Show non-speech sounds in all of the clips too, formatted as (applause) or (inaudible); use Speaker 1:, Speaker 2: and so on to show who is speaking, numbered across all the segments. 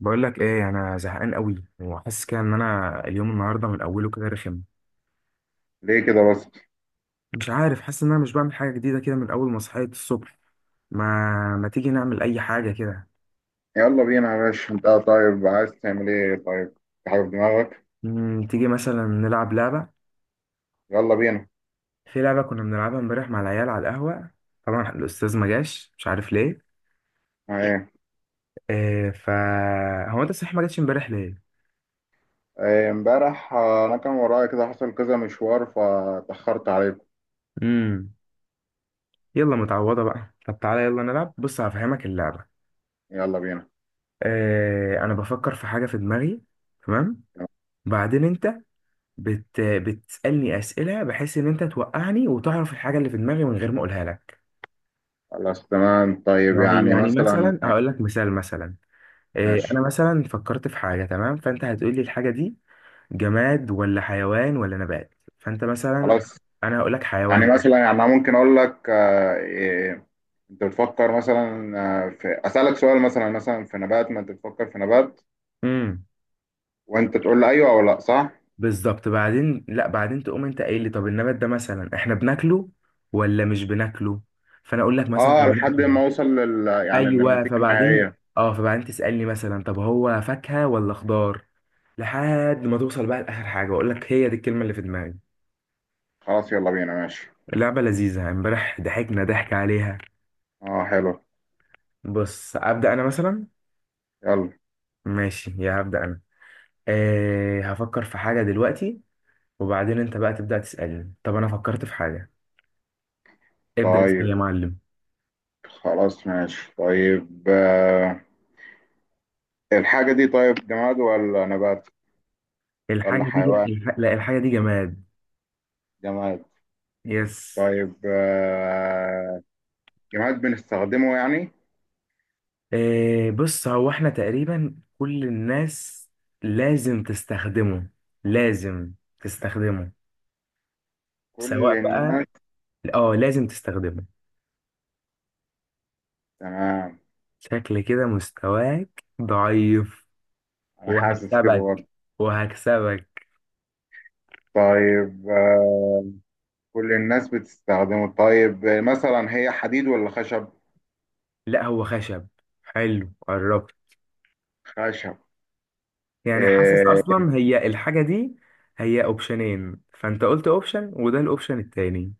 Speaker 1: بقول لك ايه، انا زهقان قوي وحاسس كده ان انا اليوم النهارده من اوله كده رخم.
Speaker 2: ليه كده بس؟
Speaker 1: مش عارف، حاسس ان انا مش بعمل حاجه جديده كده من اول ما صحيت الصبح. ما ما تيجي نعمل اي حاجه كده؟
Speaker 2: يلا بينا يا باشا، انت طيب عايز تعمل ايه طيب؟ في حاجة في دماغك؟
Speaker 1: تيجي مثلا نلعب لعبه.
Speaker 2: يلا بينا.
Speaker 1: في لعبه كنا بنلعبها امبارح مع العيال على القهوه. طبعا الاستاذ ما جاش، مش عارف ليه.
Speaker 2: ايه؟
Speaker 1: إيه ف هو انت صحيح ما جاتش امبارح ليه؟
Speaker 2: ايه، امبارح انا كان ورايا كده حصل كذا مشوار فاتأخرت عليكم.
Speaker 1: امم يلا، متعوضه بقى. طب تعالى يلا نلعب، بص هفهمك اللعبه.
Speaker 2: يلا بينا.
Speaker 1: إيه، انا بفكر في حاجه في دماغي، تمام؟ بعدين انت بتسألني أسئلة بحيث إن أنت توقعني وتعرف الحاجة اللي في دماغي من غير ما أقولها لك.
Speaker 2: خلاص تمام، طيب
Speaker 1: يعني
Speaker 2: يعني
Speaker 1: يعني
Speaker 2: مثلا.
Speaker 1: مثلا أقول لك مثال. مثلا إيه،
Speaker 2: ماشي.
Speaker 1: أنا مثلا فكرت في حاجة، تمام؟ فأنت هتقول لي الحاجة دي جماد ولا حيوان ولا نبات. فأنت مثلا،
Speaker 2: خلاص.
Speaker 1: أنا هقول لك
Speaker 2: يعني
Speaker 1: حيوان.
Speaker 2: مثلا يعني انا ممكن اقول لك اه، ايه، انت بتفكر مثلا. اه، في اسالك سؤال مثلا في نبات، ما انت بتفكر في نبات،
Speaker 1: امم
Speaker 2: وانت تقول لي ايوه او لا، صح؟
Speaker 1: بالظبط. بعدين لا، بعدين تقوم أنت قايل لي طب النبات ده مثلا إحنا بناكله ولا مش بناكله، فأنا أقول لك مثلا
Speaker 2: اه لحد
Speaker 1: بناكله.
Speaker 2: ما اوصل يعني
Speaker 1: ايوه،
Speaker 2: للنتيجه
Speaker 1: فبعدين
Speaker 2: النهائيه.
Speaker 1: اه فبعدين تسالني مثلا طب هو فاكهه ولا خضار، لحد ما توصل بقى لاخر حاجه واقول لك هي دي الكلمه اللي في دماغي.
Speaker 2: خلاص يلا بينا ماشي.
Speaker 1: اللعبه لذيذه، امبارح ضحكنا ضحك عليها.
Speaker 2: اه حلو.
Speaker 1: بص ابدا انا مثلا،
Speaker 2: يلا.
Speaker 1: ماشي يا هبدا انا، هفكر في حاجه دلوقتي، وبعدين انت بقى تبدا تسالني طب انا فكرت في حاجه. ابدا اسال
Speaker 2: طيب
Speaker 1: يا معلم.
Speaker 2: خلاص ماشي، طيب الحاجة دي طيب جماد ولا نبات ولا
Speaker 1: الحاجه دي ج...
Speaker 2: حيوان؟
Speaker 1: الح... لا، الحاجه دي جماد.
Speaker 2: جماد؟
Speaker 1: يس.
Speaker 2: طيب جماد بنستخدمه يعني؟
Speaker 1: إيه بص، هو احنا تقريبا كل الناس لازم تستخدمه، لازم تستخدمه،
Speaker 2: كل
Speaker 1: سواء بقى.
Speaker 2: الناس؟
Speaker 1: اه لازم تستخدمه.
Speaker 2: تمام.
Speaker 1: شكل كده مستواك ضعيف،
Speaker 2: أنا حاسس كده
Speaker 1: وهكسبك
Speaker 2: برضه.
Speaker 1: وهكسبك.
Speaker 2: طيب كل الناس بتستخدمه، طيب مثلا هي حديد ولا خشب؟
Speaker 1: لا هو خشب، حلو قربت.
Speaker 2: خشب؟
Speaker 1: يعني حاسس
Speaker 2: آه
Speaker 1: اصلا هي الحاجة دي هي اوبشنين، فانت قلت اوبشن وده الاوبشن التاني،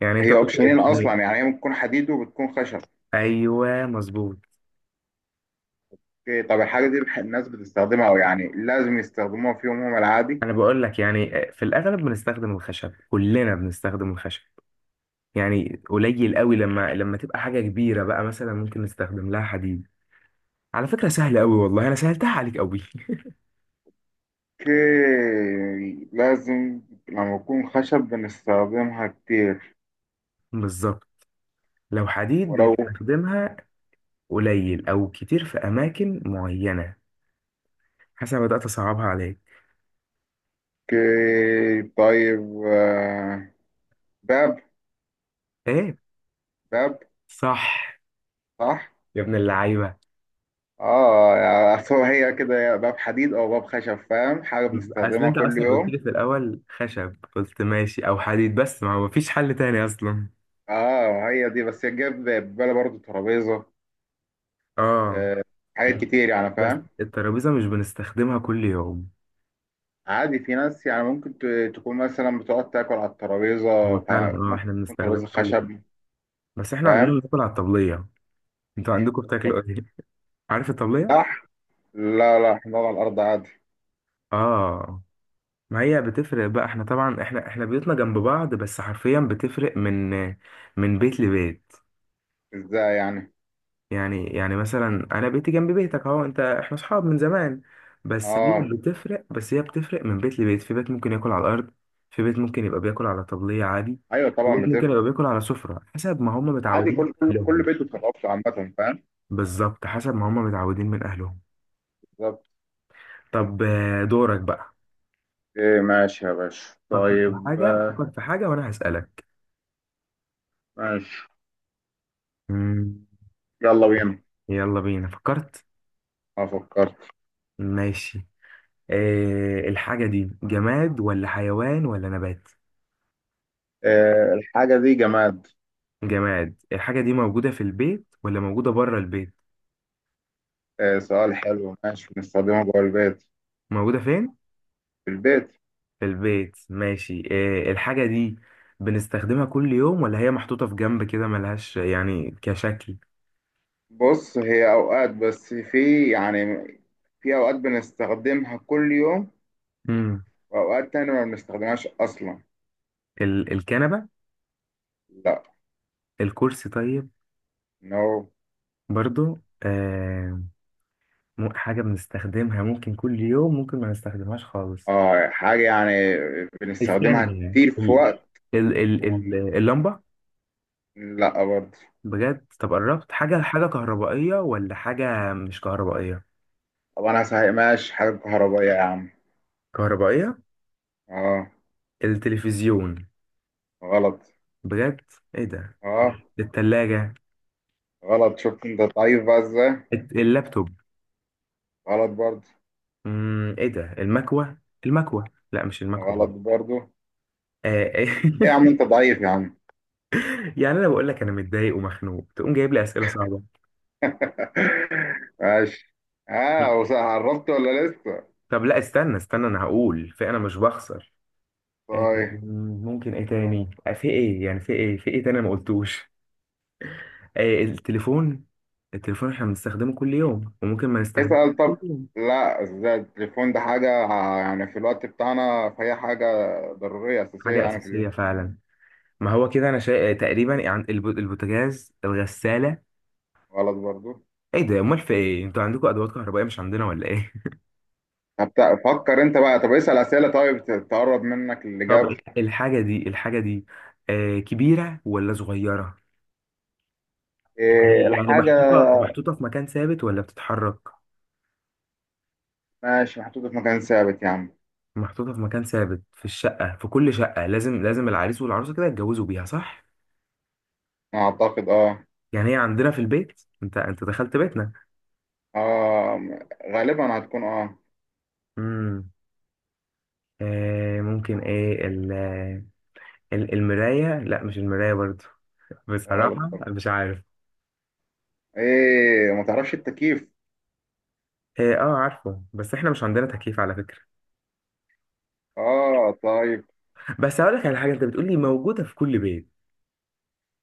Speaker 1: يعني انت
Speaker 2: هي
Speaker 1: قلت
Speaker 2: اوبشنين أصلا،
Speaker 1: اوبشنين.
Speaker 2: يعني هي ممكن تكون حديد وبتكون خشب.
Speaker 1: ايوه مظبوط.
Speaker 2: إيه، طب الحاجة دي الناس بتستخدمها، أو يعني لازم يستخدموها في يومهم العادي؟
Speaker 1: انا بقول لك يعني في الاغلب بنستخدم الخشب، كلنا بنستخدم الخشب. يعني قليل قوي، لما تبقى حاجه كبيره بقى مثلا ممكن نستخدم لها حديد. على فكره سهله قوي، والله انا سهلتها عليك قوي.
Speaker 2: اوكي. لازم. لما يكون خشب بنستخدمها كتير.
Speaker 1: (laughs) بالظبط. لو حديد
Speaker 2: ولو.
Speaker 1: بنستخدمها قليل او كتير في اماكن معينه. حسنا، بدات اصعبها عليك.
Speaker 2: اوكي طيب باب.
Speaker 1: ايه؟
Speaker 2: باب.
Speaker 1: صح.
Speaker 2: صح.
Speaker 1: يا ابن اللعيبه.
Speaker 2: اه يعني أصل هو هي كده، يا باب حديد او باب خشب، فاهم؟ حاجة
Speaker 1: اصل
Speaker 2: بنستخدمها
Speaker 1: انت
Speaker 2: كل
Speaker 1: اصلا قلت
Speaker 2: يوم.
Speaker 1: لي في الاول خشب، قلت ماشي او حديد، بس ما هو مفيش حل تاني اصلا.
Speaker 2: اه هي دي بس جاب في بالي برضه ترابيزة.
Speaker 1: اه.
Speaker 2: آه، حاجات
Speaker 1: بس
Speaker 2: كتير يعني،
Speaker 1: بس
Speaker 2: فاهم؟
Speaker 1: الترابيزة مش بنستخدمها كل يوم.
Speaker 2: عادي، في ناس يعني ممكن تكون مثلا بتقعد تاكل على
Speaker 1: هو
Speaker 2: الترابيزة،
Speaker 1: فعلا
Speaker 2: فممكن
Speaker 1: احنا
Speaker 2: تكون
Speaker 1: بنستخدمها
Speaker 2: ترابيزة
Speaker 1: كل يوم،
Speaker 2: خشب.
Speaker 1: بس احنا عندنا
Speaker 2: فاهم.
Speaker 1: بناكل على الطبلية. انتوا عندكم
Speaker 2: طب.
Speaker 1: بتاكلوا ايه؟ عارف الطبلية؟
Speaker 2: لح لا لا، حمار على الأرض عادي.
Speaker 1: اه، ما هي بتفرق بقى، احنا طبعا احنا بيوتنا جنب بعض بس حرفيا بتفرق من بيت لبيت.
Speaker 2: ازاي يعني؟
Speaker 1: يعني مثلا انا بيتي جنب بيتك اهو، انت احنا اصحاب من زمان. بس هي
Speaker 2: اه.
Speaker 1: بتفرق بس هي بتفرق من بيت لبيت. في بيت ممكن ياكل على الارض، في بيت ممكن يبقى بياكل على طبلية عادي،
Speaker 2: ايوه
Speaker 1: في
Speaker 2: طبعا
Speaker 1: بيت ممكن يبقى
Speaker 2: بتفرق.
Speaker 1: بياكل على سفرة، حسب ما هم
Speaker 2: عادي
Speaker 1: متعودين
Speaker 2: كل كل
Speaker 1: من
Speaker 2: كل
Speaker 1: اهلهم.
Speaker 2: بيت بتخلص عامة، فاهم.
Speaker 1: بالظبط، حسب ما هم متعودين من اهلهم.
Speaker 2: بالظبط.
Speaker 1: طب دورك بقى.
Speaker 2: ايه ماشي يا باشا،
Speaker 1: فكر في
Speaker 2: طيب
Speaker 1: حاجة، فكر في حاجة، وانا هسألك.
Speaker 2: ماشي.
Speaker 1: مم،
Speaker 2: يلا بينا.
Speaker 1: يلا بينا فكرت.
Speaker 2: اه فكرت.
Speaker 1: ماشي. إيه الحاجة دي، جماد ولا حيوان ولا نبات؟
Speaker 2: آه الحاجة دي جماد.
Speaker 1: جماد. الحاجة دي موجودة في البيت ولا موجودة بره البيت؟
Speaker 2: آه سؤال حلو، ماشي بنستخدمها جوه البيت.
Speaker 1: موجودة فين؟
Speaker 2: في البيت.
Speaker 1: في البيت. ماشي. إيه الحاجة دي؟ بنستخدمها كل يوم ولا هي محطوطة في جنب كده ملهاش يعني كشكل؟
Speaker 2: بص هي أوقات، بس في أوقات بنستخدمها كل يوم،
Speaker 1: مم.
Speaker 2: وأوقات تانية ما بنستخدمهاش أصلا.
Speaker 1: الكنبة؟
Speaker 2: لا.
Speaker 1: الكرسي طيب؟
Speaker 2: نو.
Speaker 1: برضو آه. حاجة بنستخدمها ممكن كل يوم، ممكن ما نستخدمهاش خالص.
Speaker 2: آه حاجة يعني بنستخدمها
Speaker 1: استنى يعني،
Speaker 2: كتير في وقت،
Speaker 1: ال ال
Speaker 2: وما بن...
Speaker 1: ال ال اللمبة
Speaker 2: لا برضه.
Speaker 1: بجد؟ طب قربت. حاجة كهربائية ولا حاجة مش كهربائية؟
Speaker 2: طب أنا هسهمهاش حاجة كهربائية يا عم.
Speaker 1: كهربائية.
Speaker 2: آه.
Speaker 1: التلفزيون؟
Speaker 2: غلط.
Speaker 1: بجد؟ ايه ده؟
Speaker 2: آه.
Speaker 1: التلاجة؟
Speaker 2: غلط شفت أنت ضعيف بقى إزاي.
Speaker 1: اللابتوب؟
Speaker 2: غلط برضه.
Speaker 1: ايه ده، المكوة؟ المكوة لا، مش المكوة
Speaker 2: غلط
Speaker 1: دي.
Speaker 2: برضه.
Speaker 1: آه.
Speaker 2: إيه يا عم
Speaker 1: (laughs)
Speaker 2: أنت ضعيف يا عم.
Speaker 1: يعني انا بقول لك انا متضايق ومخنوق، تقوم جايب لي اسئله صعبه.
Speaker 2: (laughs) ماشي.
Speaker 1: لا.
Speaker 2: قربت ولا لسه؟
Speaker 1: طب لا، استنى استنى، انا هقول، في انا مش بخسر. آه،
Speaker 2: طيب.
Speaker 1: ممكن ايه تاني؟ في ايه، يعني في ايه تاني أنا ما قلتوش؟ آه التليفون! التليفون احنا بنستخدمه كل يوم وممكن ما نستخدمه
Speaker 2: اسأل
Speaker 1: كل
Speaker 2: طب.
Speaker 1: يوم.
Speaker 2: لا، ده التليفون ده حاجة يعني في الوقت بتاعنا، فهي حاجة ضرورية أساسية
Speaker 1: حاجه
Speaker 2: يعني في اليوم.
Speaker 1: اساسيه فعلا. ما هو كده، انا تقريبا يعني البوتاجاز، الغساله.
Speaker 2: غلط برضو.
Speaker 1: ايه ده امال، في ايه، انتوا عندكم ادوات كهربائيه مش عندنا ولا ايه؟ (laughs)
Speaker 2: طب فكر أنت بقى، طب اسأل أسئلة طيب تقرب منك
Speaker 1: طب،
Speaker 2: الإجابة.
Speaker 1: الحاجه دي كبيره ولا صغيره؟
Speaker 2: إيه
Speaker 1: يعني
Speaker 2: الحاجة؟
Speaker 1: محطوطه في مكان ثابت ولا بتتحرك؟
Speaker 2: ماشي محطوطة في مكان ثابت يا عم.
Speaker 1: محطوطه في مكان ثابت في الشقه، في كل شقه لازم العريس والعروسه كده يتجوزوا بيها صح؟
Speaker 2: أعتقد أه.
Speaker 1: يعني هي عندنا في البيت، انت دخلت بيتنا.
Speaker 2: أه غالبا هتكون
Speaker 1: امم ممكن ايه المرايه؟ لا مش المرايه برضو. (laughs)
Speaker 2: غلط
Speaker 1: بصراحه
Speaker 2: برضو.
Speaker 1: مش عارف.
Speaker 2: إيه ما تعرفش التكييف؟
Speaker 1: اه، آه، عارفه بس احنا مش عندنا تكييف على فكره.
Speaker 2: أه طيب.
Speaker 1: بس هقول لك على حاجه، انت بتقولي موجوده في كل بيت.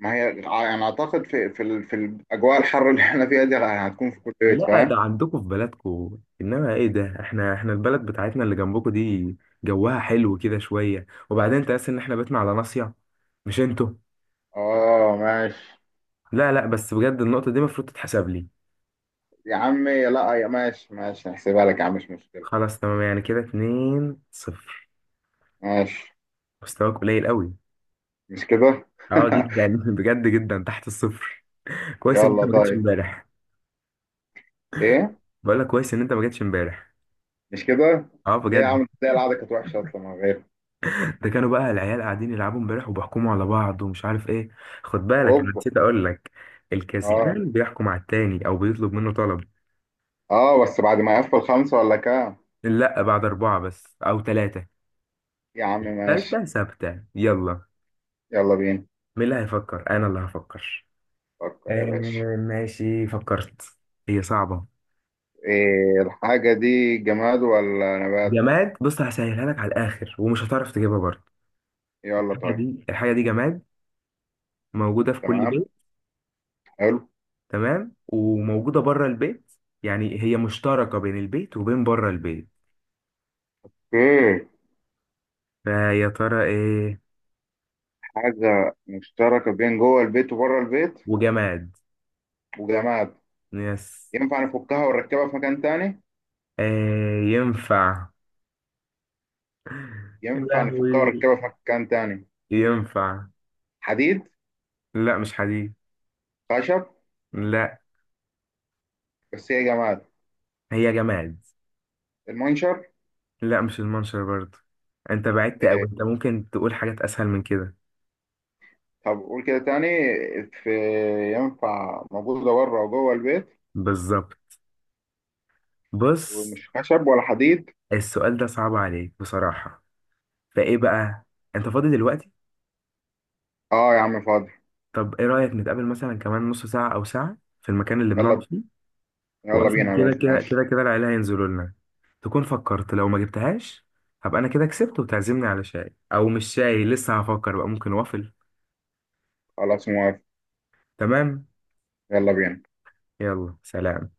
Speaker 2: ما هي يعني أعتقد في في الأجواء الحر اللي إحنا فيها دي هتكون في كل بيت،
Speaker 1: لا، ده
Speaker 2: فاهم؟
Speaker 1: عندكم في بلدكم، انما ايه ده، احنا البلد بتاعتنا اللي جنبكم دي جوها حلو كده شويه، وبعدين انت لسه، ان احنا بيتنا على ناصيه مش انتوا.
Speaker 2: اه ماشي.
Speaker 1: لا لا، بس بجد النقطه دي المفروض تتحسب لي.
Speaker 2: يا عمي لا يا ماشي ماشي هحسبها لك يا عم مش مشكلة.
Speaker 1: خلاص تمام، يعني كده 2-0.
Speaker 2: ماشي.
Speaker 1: مستواك قليل قوي.
Speaker 2: مش كده.
Speaker 1: اه جدا.
Speaker 2: (laughs)
Speaker 1: (laughs) بجد جدا تحت الصفر. كويس ان انت
Speaker 2: يلا
Speaker 1: ما جيتش
Speaker 2: طيب.
Speaker 1: امبارح.
Speaker 2: ايه.
Speaker 1: بقول لك كويس ان انت ما جيتش امبارح.
Speaker 2: مش كده.
Speaker 1: اه
Speaker 2: ليه يا
Speaker 1: بجد.
Speaker 2: عم، تلاقي القعدة كانت وحشة اصلا من غير.
Speaker 1: ده كانوا بقى العيال قاعدين يلعبوا امبارح وبيحكموا على بعض ومش عارف ايه. خد بالك انا
Speaker 2: اوبا.
Speaker 1: نسيت اقول لك،
Speaker 2: اه.
Speaker 1: الكسبان بيحكم على التاني او بيطلب منه طلب.
Speaker 2: اه بس بعد ما يقفل خمسة ولا كام.
Speaker 1: لا، بعد 4 بس او 3.
Speaker 2: يا عم ماشي.
Speaker 1: الثالثة ثابتة، يلا.
Speaker 2: يلا بينا.
Speaker 1: مين اللي هيفكر؟ انا اللي هفكر.
Speaker 2: فكر
Speaker 1: آه
Speaker 2: يا باشا.
Speaker 1: ماشي فكرت. هي صعبة.
Speaker 2: ايه الحاجة دي جماد ولا نبات؟
Speaker 1: جماد. بص هسهلها لك على الاخر ومش هتعرف تجيبها برضه.
Speaker 2: يلا
Speaker 1: الحاجة
Speaker 2: طيب.
Speaker 1: دي الحاجة دي جماد، موجودة في كل
Speaker 2: تمام.
Speaker 1: بيت.
Speaker 2: حلو.
Speaker 1: تمام، وموجودة بره البيت، يعني هي مشتركة بين البيت وبين بره البيت،
Speaker 2: اوكي.
Speaker 1: فيا ترى ايه؟
Speaker 2: حاجة مشتركة بين جوه البيت وبره البيت.
Speaker 1: وجماد.
Speaker 2: وجماد.
Speaker 1: يس.
Speaker 2: ينفع نفكها ونركبها في مكان تاني؟
Speaker 1: آه ينفع. يا
Speaker 2: ينفع نفكها
Speaker 1: لهوي
Speaker 2: ونركبها في مكان تاني.
Speaker 1: ينفع.
Speaker 2: حديد.
Speaker 1: لا مش حديد.
Speaker 2: خشب.
Speaker 1: لا،
Speaker 2: بس هي جماد.
Speaker 1: هي جماد.
Speaker 2: المنشر.
Speaker 1: لا مش المنشر برضه. انت بعدت اوي، انت ممكن تقول حاجات اسهل من كده.
Speaker 2: طب قول كده تاني. في. ينفع موجودة بره وجوه البيت.
Speaker 1: بالظبط. بص،
Speaker 2: ومش خشب ولا حديد.
Speaker 1: السؤال ده صعب عليك بصراحة، فايه بقى؟ انت فاضي دلوقتي؟
Speaker 2: اه يا عم فاضي.
Speaker 1: طب ايه رأيك نتقابل مثلا كمان نص ساعة او ساعة في المكان اللي بنقعد
Speaker 2: يلا.
Speaker 1: فيه؟
Speaker 2: يلا
Speaker 1: واصلا
Speaker 2: بينا يا
Speaker 1: كده
Speaker 2: باشا
Speaker 1: كده
Speaker 2: ماشي.
Speaker 1: كده كده العيله هينزلوا لنا. تكون فكرت لو ما جبتهاش، هبقى انا كده كسبت، وتعزمني على شاي او مش شاي، لسه هفكر بقى، ممكن وافل.
Speaker 2: خلاص موافق.
Speaker 1: تمام.
Speaker 2: يلا بينا.
Speaker 1: يلا سلام.